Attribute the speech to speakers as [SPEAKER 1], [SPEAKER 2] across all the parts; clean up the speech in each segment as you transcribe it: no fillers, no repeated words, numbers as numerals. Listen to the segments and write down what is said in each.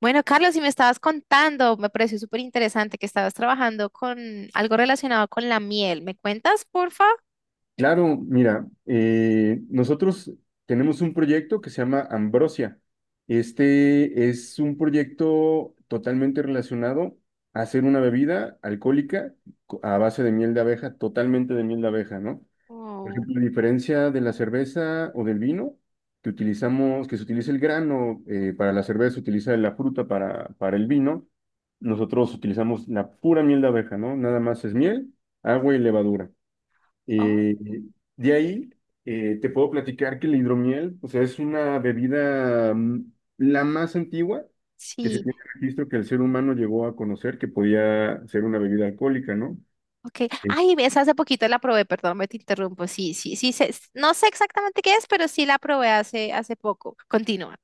[SPEAKER 1] Bueno, Carlos, si me estabas contando, me pareció súper interesante que estabas trabajando con algo relacionado con la miel. ¿Me cuentas, porfa?
[SPEAKER 2] Claro, mira, nosotros tenemos un proyecto que se llama Ambrosia. Este es un proyecto totalmente relacionado a hacer una bebida alcohólica a base de miel de abeja, totalmente de miel de abeja, ¿no? Por
[SPEAKER 1] Oh.
[SPEAKER 2] ejemplo, a diferencia de la cerveza o del vino, que se utiliza el grano para la cerveza, se utiliza la fruta para el vino, nosotros utilizamos la pura miel de abeja, ¿no? Nada más es miel, agua y levadura.
[SPEAKER 1] Oh,
[SPEAKER 2] Eh, de ahí te puedo platicar que la hidromiel, o sea, es una bebida la más antigua que se
[SPEAKER 1] sí.
[SPEAKER 2] tiene registro que el ser humano llegó a conocer que podía ser una bebida alcohólica, ¿no?
[SPEAKER 1] Ok. Ay, ves, hace poquito la probé, perdón, me te interrumpo. Sí, sí, sí, no sé exactamente qué es, pero sí la probé hace poco. Continúa.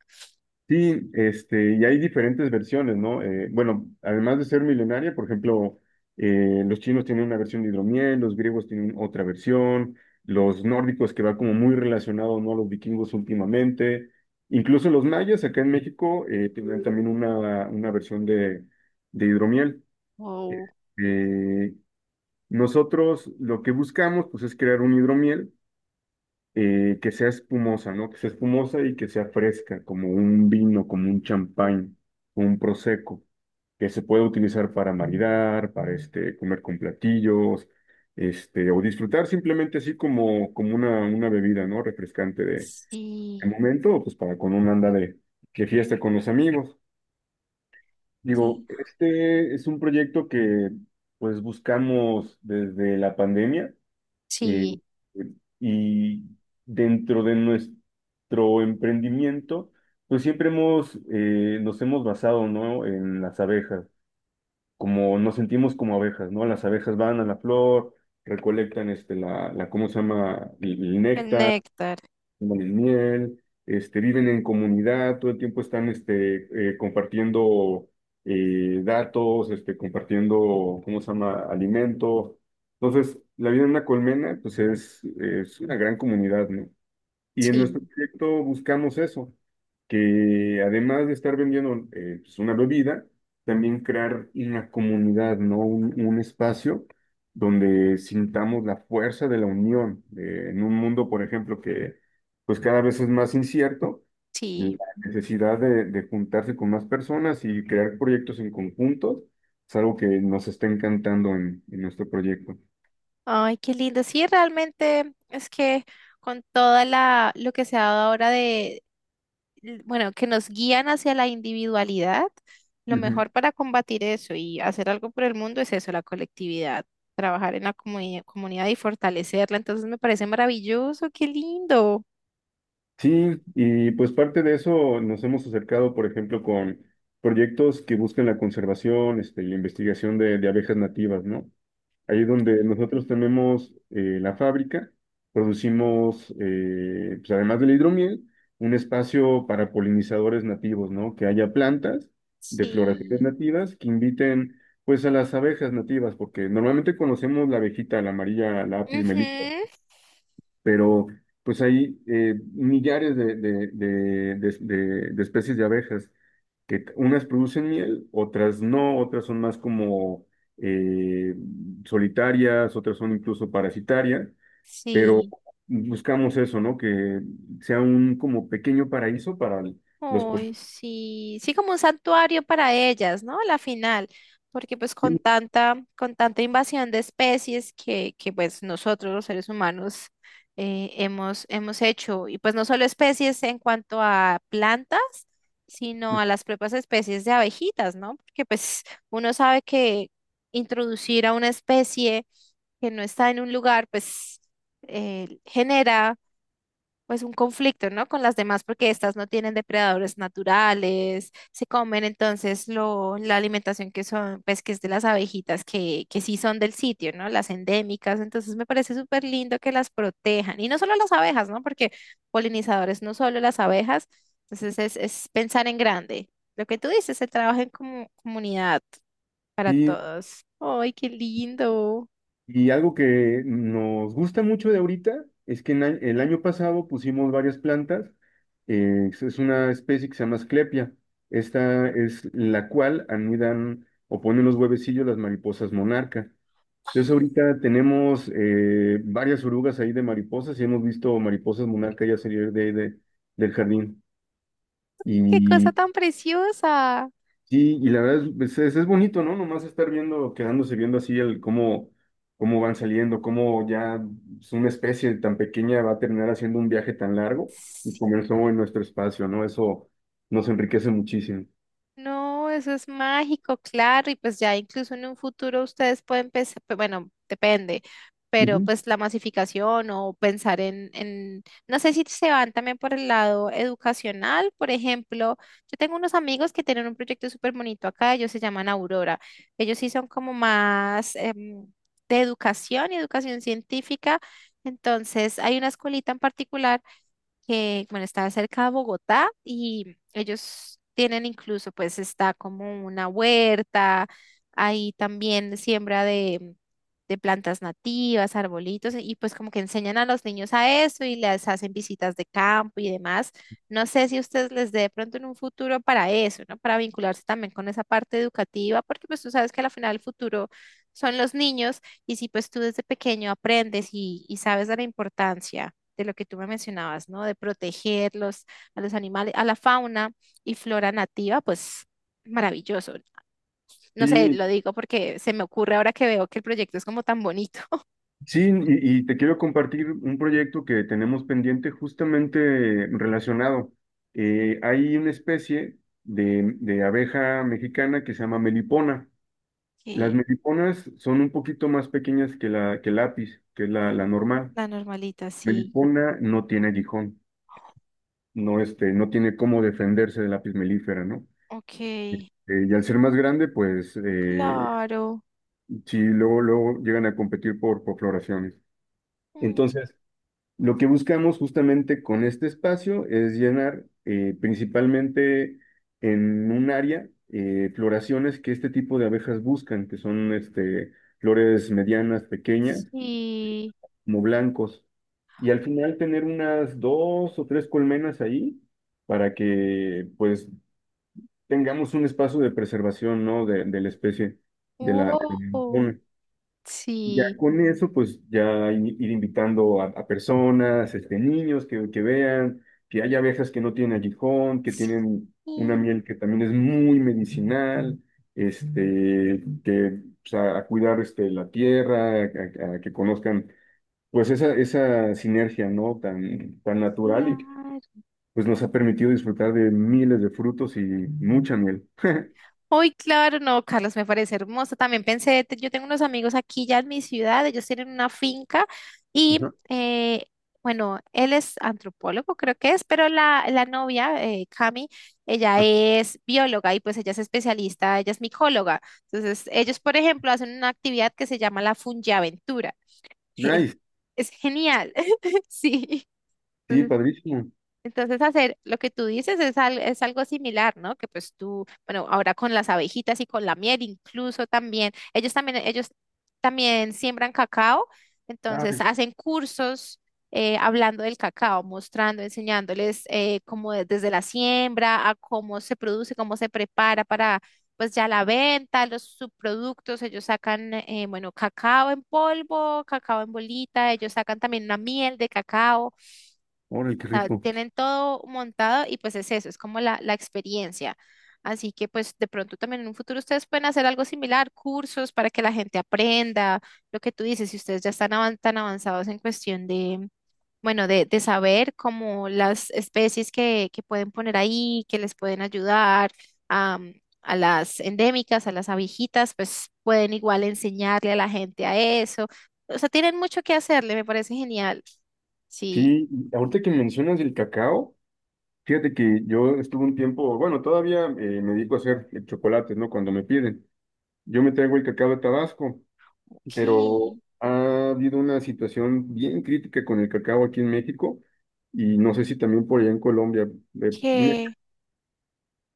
[SPEAKER 2] Sí, este, y hay diferentes versiones, ¿no? Bueno, además de ser milenaria, por ejemplo, los chinos tienen una versión de hidromiel, los griegos tienen otra versión, los nórdicos, que va como muy relacionado, ¿no?, a los vikingos últimamente, incluso los mayas acá en México tienen también una versión de hidromiel.
[SPEAKER 1] Oh,
[SPEAKER 2] Eh, Nosotros lo que buscamos, pues, es crear un hidromiel que sea espumosa, ¿no? Que sea espumosa y que sea fresca, como un vino, como un champán, como un prosecco, que se puede utilizar para maridar, para este, comer con platillos, este, o disfrutar simplemente así como una bebida, ¿no? Refrescante de
[SPEAKER 1] Sí,
[SPEAKER 2] momento, o pues para con una anda de fiesta con los amigos.
[SPEAKER 1] sí,
[SPEAKER 2] Digo, este es un proyecto que pues buscamos desde la pandemia eh,
[SPEAKER 1] sí,
[SPEAKER 2] eh, y dentro de nuestro emprendimiento, pues siempre nos hemos basado, ¿no?, en las abejas, como nos sentimos como abejas, ¿no? Las abejas van a la flor, recolectan este, la, ¿cómo se llama?, el
[SPEAKER 1] el
[SPEAKER 2] néctar,
[SPEAKER 1] néctar,
[SPEAKER 2] toman el miel, este, viven en comunidad, todo el tiempo están este, compartiendo datos, este, compartiendo, ¿cómo se llama?, alimento. Entonces, la vida en una colmena, pues es una gran comunidad, ¿no? Y en nuestro
[SPEAKER 1] sí,
[SPEAKER 2] proyecto buscamos eso, que además de estar vendiendo pues, una bebida, también crear una comunidad, ¿no? Un espacio donde sintamos la fuerza de la unión, en un mundo, por ejemplo, que pues cada vez es más incierto, y
[SPEAKER 1] sí.
[SPEAKER 2] la necesidad de juntarse con más personas y crear proyectos en conjunto es algo que nos está encantando en nuestro proyecto.
[SPEAKER 1] Ay, qué lindo. Sí, realmente es que con toda la lo que se ha dado ahora de bueno, que nos guían hacia la individualidad, lo mejor para combatir eso y hacer algo por el mundo es eso, la colectividad, trabajar en la comunidad y fortalecerla. Entonces me parece maravilloso, qué lindo.
[SPEAKER 2] Sí, y pues parte de eso nos hemos acercado, por ejemplo, con proyectos que buscan la conservación, este, y la investigación de abejas nativas, ¿no? Ahí donde
[SPEAKER 1] Mm.
[SPEAKER 2] nosotros tenemos la fábrica, producimos, pues además del hidromiel, un espacio para polinizadores nativos, ¿no? Que haya plantas de floraciones
[SPEAKER 1] Sí.
[SPEAKER 2] nativas que inviten, pues, a las abejas nativas, porque normalmente conocemos la abejita, la amarilla, la Apis
[SPEAKER 1] Ujú.
[SPEAKER 2] mellifera, pero pues hay millares de especies de abejas, que unas producen miel, otras no, otras son más como eh, solitarias, otras son incluso parasitarias, pero
[SPEAKER 1] Sí.
[SPEAKER 2] buscamos eso, ¿no? Que sea un como pequeño paraíso para los... por-
[SPEAKER 1] Uy, sí, sí, como un santuario para ellas, ¿no? La final, porque pues con
[SPEAKER 2] Sí,
[SPEAKER 1] con tanta invasión de especies que pues nosotros los seres humanos hemos hecho, y pues no solo especies en cuanto a plantas, sino a las propias especies de abejitas, ¿no? Porque pues uno sabe que introducir a una especie que no está en un lugar, pues genera pues un conflicto, ¿no? Con las demás porque estas no tienen depredadores naturales, se comen entonces lo, la alimentación que son, pues que es de las abejitas que sí son del sitio, ¿no? Las endémicas, entonces me parece súper lindo que las protejan y no solo las abejas, ¿no? Porque polinizadores no solo las abejas, entonces es pensar en grande. Lo que tú dices, se trabaja en comunidad para
[SPEAKER 2] sí,
[SPEAKER 1] todos. ¡Ay, qué lindo!
[SPEAKER 2] y algo que nos gusta mucho de ahorita es que en el año pasado pusimos varias plantas. Es una especie que se llama Asclepia. Esta es la cual anidan o ponen los huevecillos las mariposas monarca. Entonces ahorita tenemos varias orugas ahí de mariposas y hemos visto mariposas monarca ya salir del jardín.
[SPEAKER 1] ¡Qué cosa
[SPEAKER 2] y
[SPEAKER 1] tan preciosa!
[SPEAKER 2] Sí, y la verdad es bonito, ¿no? Nomás estar viendo, quedándose viendo así el cómo, cómo van saliendo, cómo ya pues, una especie tan pequeña va a terminar haciendo un viaje tan largo y comenzó en nuestro espacio, ¿no? Eso nos enriquece muchísimo.
[SPEAKER 1] No, eso es mágico, claro, y pues ya incluso en un futuro ustedes pueden pensar, bueno, depende, pero
[SPEAKER 2] Ujú.
[SPEAKER 1] pues la masificación o pensar en, no sé si se van también por el lado educacional, por ejemplo, yo tengo unos amigos que tienen un proyecto súper bonito acá, ellos se llaman Aurora, ellos sí son como más de educación y educación científica, entonces hay una escuelita en particular que, bueno, está cerca de Bogotá y ellos tienen incluso, pues está como una huerta, ahí también siembra de plantas nativas, arbolitos, y pues como que enseñan a los niños a eso y les hacen visitas de campo y demás. No sé si ustedes les dé de pronto en un futuro para eso, ¿no? Para vincularse también con esa parte educativa, porque pues tú sabes que al final el futuro son los niños y si pues tú desde pequeño aprendes y sabes de la importancia de lo que tú me mencionabas, ¿no? De protegerlos a los animales, a la fauna y flora nativa, pues maravilloso. No sé,
[SPEAKER 2] Sí,
[SPEAKER 1] lo digo porque se me ocurre ahora que veo que el proyecto es como tan bonito.
[SPEAKER 2] sí, y te quiero compartir un proyecto que tenemos pendiente justamente relacionado. Hay una especie de abeja mexicana que se llama melipona. Las
[SPEAKER 1] Ok,
[SPEAKER 2] meliponas son un poquito más pequeñas que la que el lápiz, que es la normal.
[SPEAKER 1] la normalita, sí.
[SPEAKER 2] Melipona no tiene aguijón, no, este, no tiene cómo defenderse del lápiz melífera, ¿no?
[SPEAKER 1] Ok,
[SPEAKER 2] Y al ser más grande, pues
[SPEAKER 1] claro.
[SPEAKER 2] sí, luego, luego llegan a competir por floraciones.
[SPEAKER 1] Mm.
[SPEAKER 2] Entonces, lo que buscamos justamente con este espacio es llenar principalmente en un área floraciones que este tipo de abejas buscan, que son este, flores medianas, pequeñas
[SPEAKER 1] Sí.
[SPEAKER 2] como blancos. Y al final tener unas dos o tres colmenas ahí para que pues tengamos un espacio de preservación, ¿no? De la especie, de la
[SPEAKER 1] Wow.
[SPEAKER 2] megafauna. Ya
[SPEAKER 1] Sí.
[SPEAKER 2] con eso, pues ya ir invitando a personas, este, niños que vean, que hay abejas que no tienen aguijón, que tienen
[SPEAKER 1] Sí,
[SPEAKER 2] una miel que también es muy medicinal, este, que, o sea, a cuidar este, la tierra, a, a que conozcan pues esa sinergia, ¿no? Tan, tan natural y
[SPEAKER 1] claro.
[SPEAKER 2] pues nos ha permitido disfrutar de miles de frutos y mucha miel.
[SPEAKER 1] Uy, claro, no, Carlos, me parece hermoso. También pensé, yo tengo unos amigos aquí ya en mi ciudad, ellos tienen una finca y,
[SPEAKER 2] Ajá.
[SPEAKER 1] bueno, él es antropólogo, creo que es, pero la novia, Cami, ella
[SPEAKER 2] Ah,
[SPEAKER 1] es bióloga y pues ella es especialista, ella es micóloga. Entonces, ellos, por ejemplo, hacen una actividad que se llama la fungiaventura. Es,
[SPEAKER 2] nice,
[SPEAKER 1] es genial, sí.
[SPEAKER 2] sí, padrísimo.
[SPEAKER 1] Entonces, hacer lo que tú dices es, es algo similar, ¿no? Que pues tú, bueno, ahora con las abejitas y con la miel incluso también, ellos también, ellos también siembran cacao, entonces
[SPEAKER 2] Ay,
[SPEAKER 1] hacen cursos hablando del cacao, mostrando, enseñándoles cómo desde la siembra a cómo se produce, cómo se prepara para pues ya la venta, los subproductos, ellos sacan, bueno, cacao en polvo, cacao en bolita, ellos sacan también una miel de cacao
[SPEAKER 2] órale, qué
[SPEAKER 1] sea,
[SPEAKER 2] rico.
[SPEAKER 1] tienen todo montado y pues es eso, es como la experiencia. Así que pues de pronto también en un futuro ustedes pueden hacer algo similar, cursos para que la gente aprenda, lo que tú dices, si ustedes ya están tan avanzados en cuestión de, bueno, de saber como las especies que pueden poner ahí, que les pueden ayudar a, a las endémicas, a las abejitas, pues pueden igual enseñarle a la gente a eso. O sea, tienen mucho que hacerle, me parece genial. Sí,
[SPEAKER 2] Sí, y ahorita que mencionas el cacao, fíjate que yo estuve un tiempo, bueno, todavía me dedico a hacer chocolates, ¿no? Cuando me piden. Yo me traigo el cacao de Tabasco,
[SPEAKER 1] ok.
[SPEAKER 2] pero ha habido una situación bien crítica con el cacao aquí en México y no sé si también por allá en Colombia, una
[SPEAKER 1] Que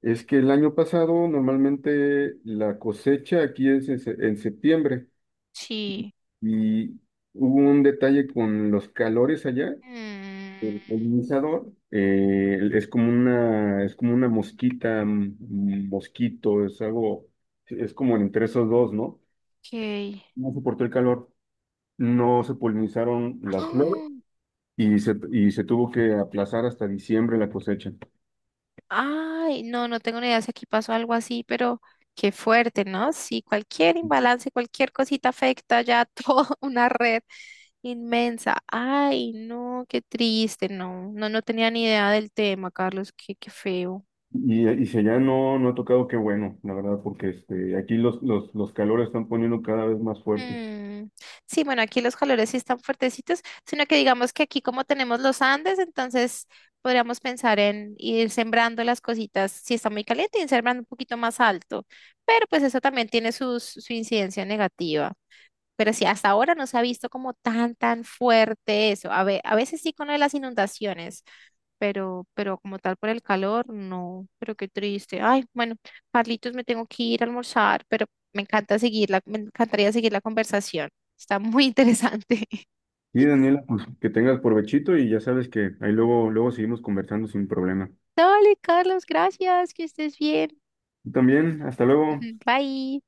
[SPEAKER 2] Es que el año pasado normalmente la cosecha aquí es en septiembre
[SPEAKER 1] sí.
[SPEAKER 2] y hubo un detalle con los calores allá.
[SPEAKER 1] Mm.
[SPEAKER 2] El polinizador es como una mosquita, mosquito, es algo, es como entre esos dos, ¿no?
[SPEAKER 1] Que
[SPEAKER 2] No soportó el calor, no se polinizaron las flores y se tuvo que aplazar hasta diciembre la cosecha.
[SPEAKER 1] ay, no, no tengo ni idea si aquí pasó algo así, pero qué fuerte, ¿no? Sí, cualquier imbalance, cualquier cosita afecta ya toda una red inmensa. Ay, no, qué triste, no, no, no tenía ni idea del tema, Carlos, qué, qué feo.
[SPEAKER 2] Y si allá no, no ha tocado, qué bueno, la verdad, porque este, aquí los calores están poniendo cada vez más fuertes.
[SPEAKER 1] Mm. Sí, bueno, aquí los calores sí están fuertecitos, sino que digamos que aquí como tenemos los Andes, entonces podríamos pensar en ir sembrando las cositas, si está muy caliente, ir sembrando un poquito más alto, pero pues eso también tiene su incidencia negativa. Pero sí, hasta ahora no se ha visto como tan, tan fuerte eso. A veces sí con lo de las inundaciones, pero como tal por el calor, no, pero qué triste. Ay, bueno, Carlitos, me tengo que ir a almorzar, pero me encanta seguirla, me encantaría seguir la conversación. Está muy interesante.
[SPEAKER 2] Sí, Daniela, pues que tengas provechito y ya sabes que ahí luego, luego seguimos conversando sin problema.
[SPEAKER 1] Dale, Carlos, gracias, que estés bien.
[SPEAKER 2] Tú también, hasta luego.
[SPEAKER 1] Bye.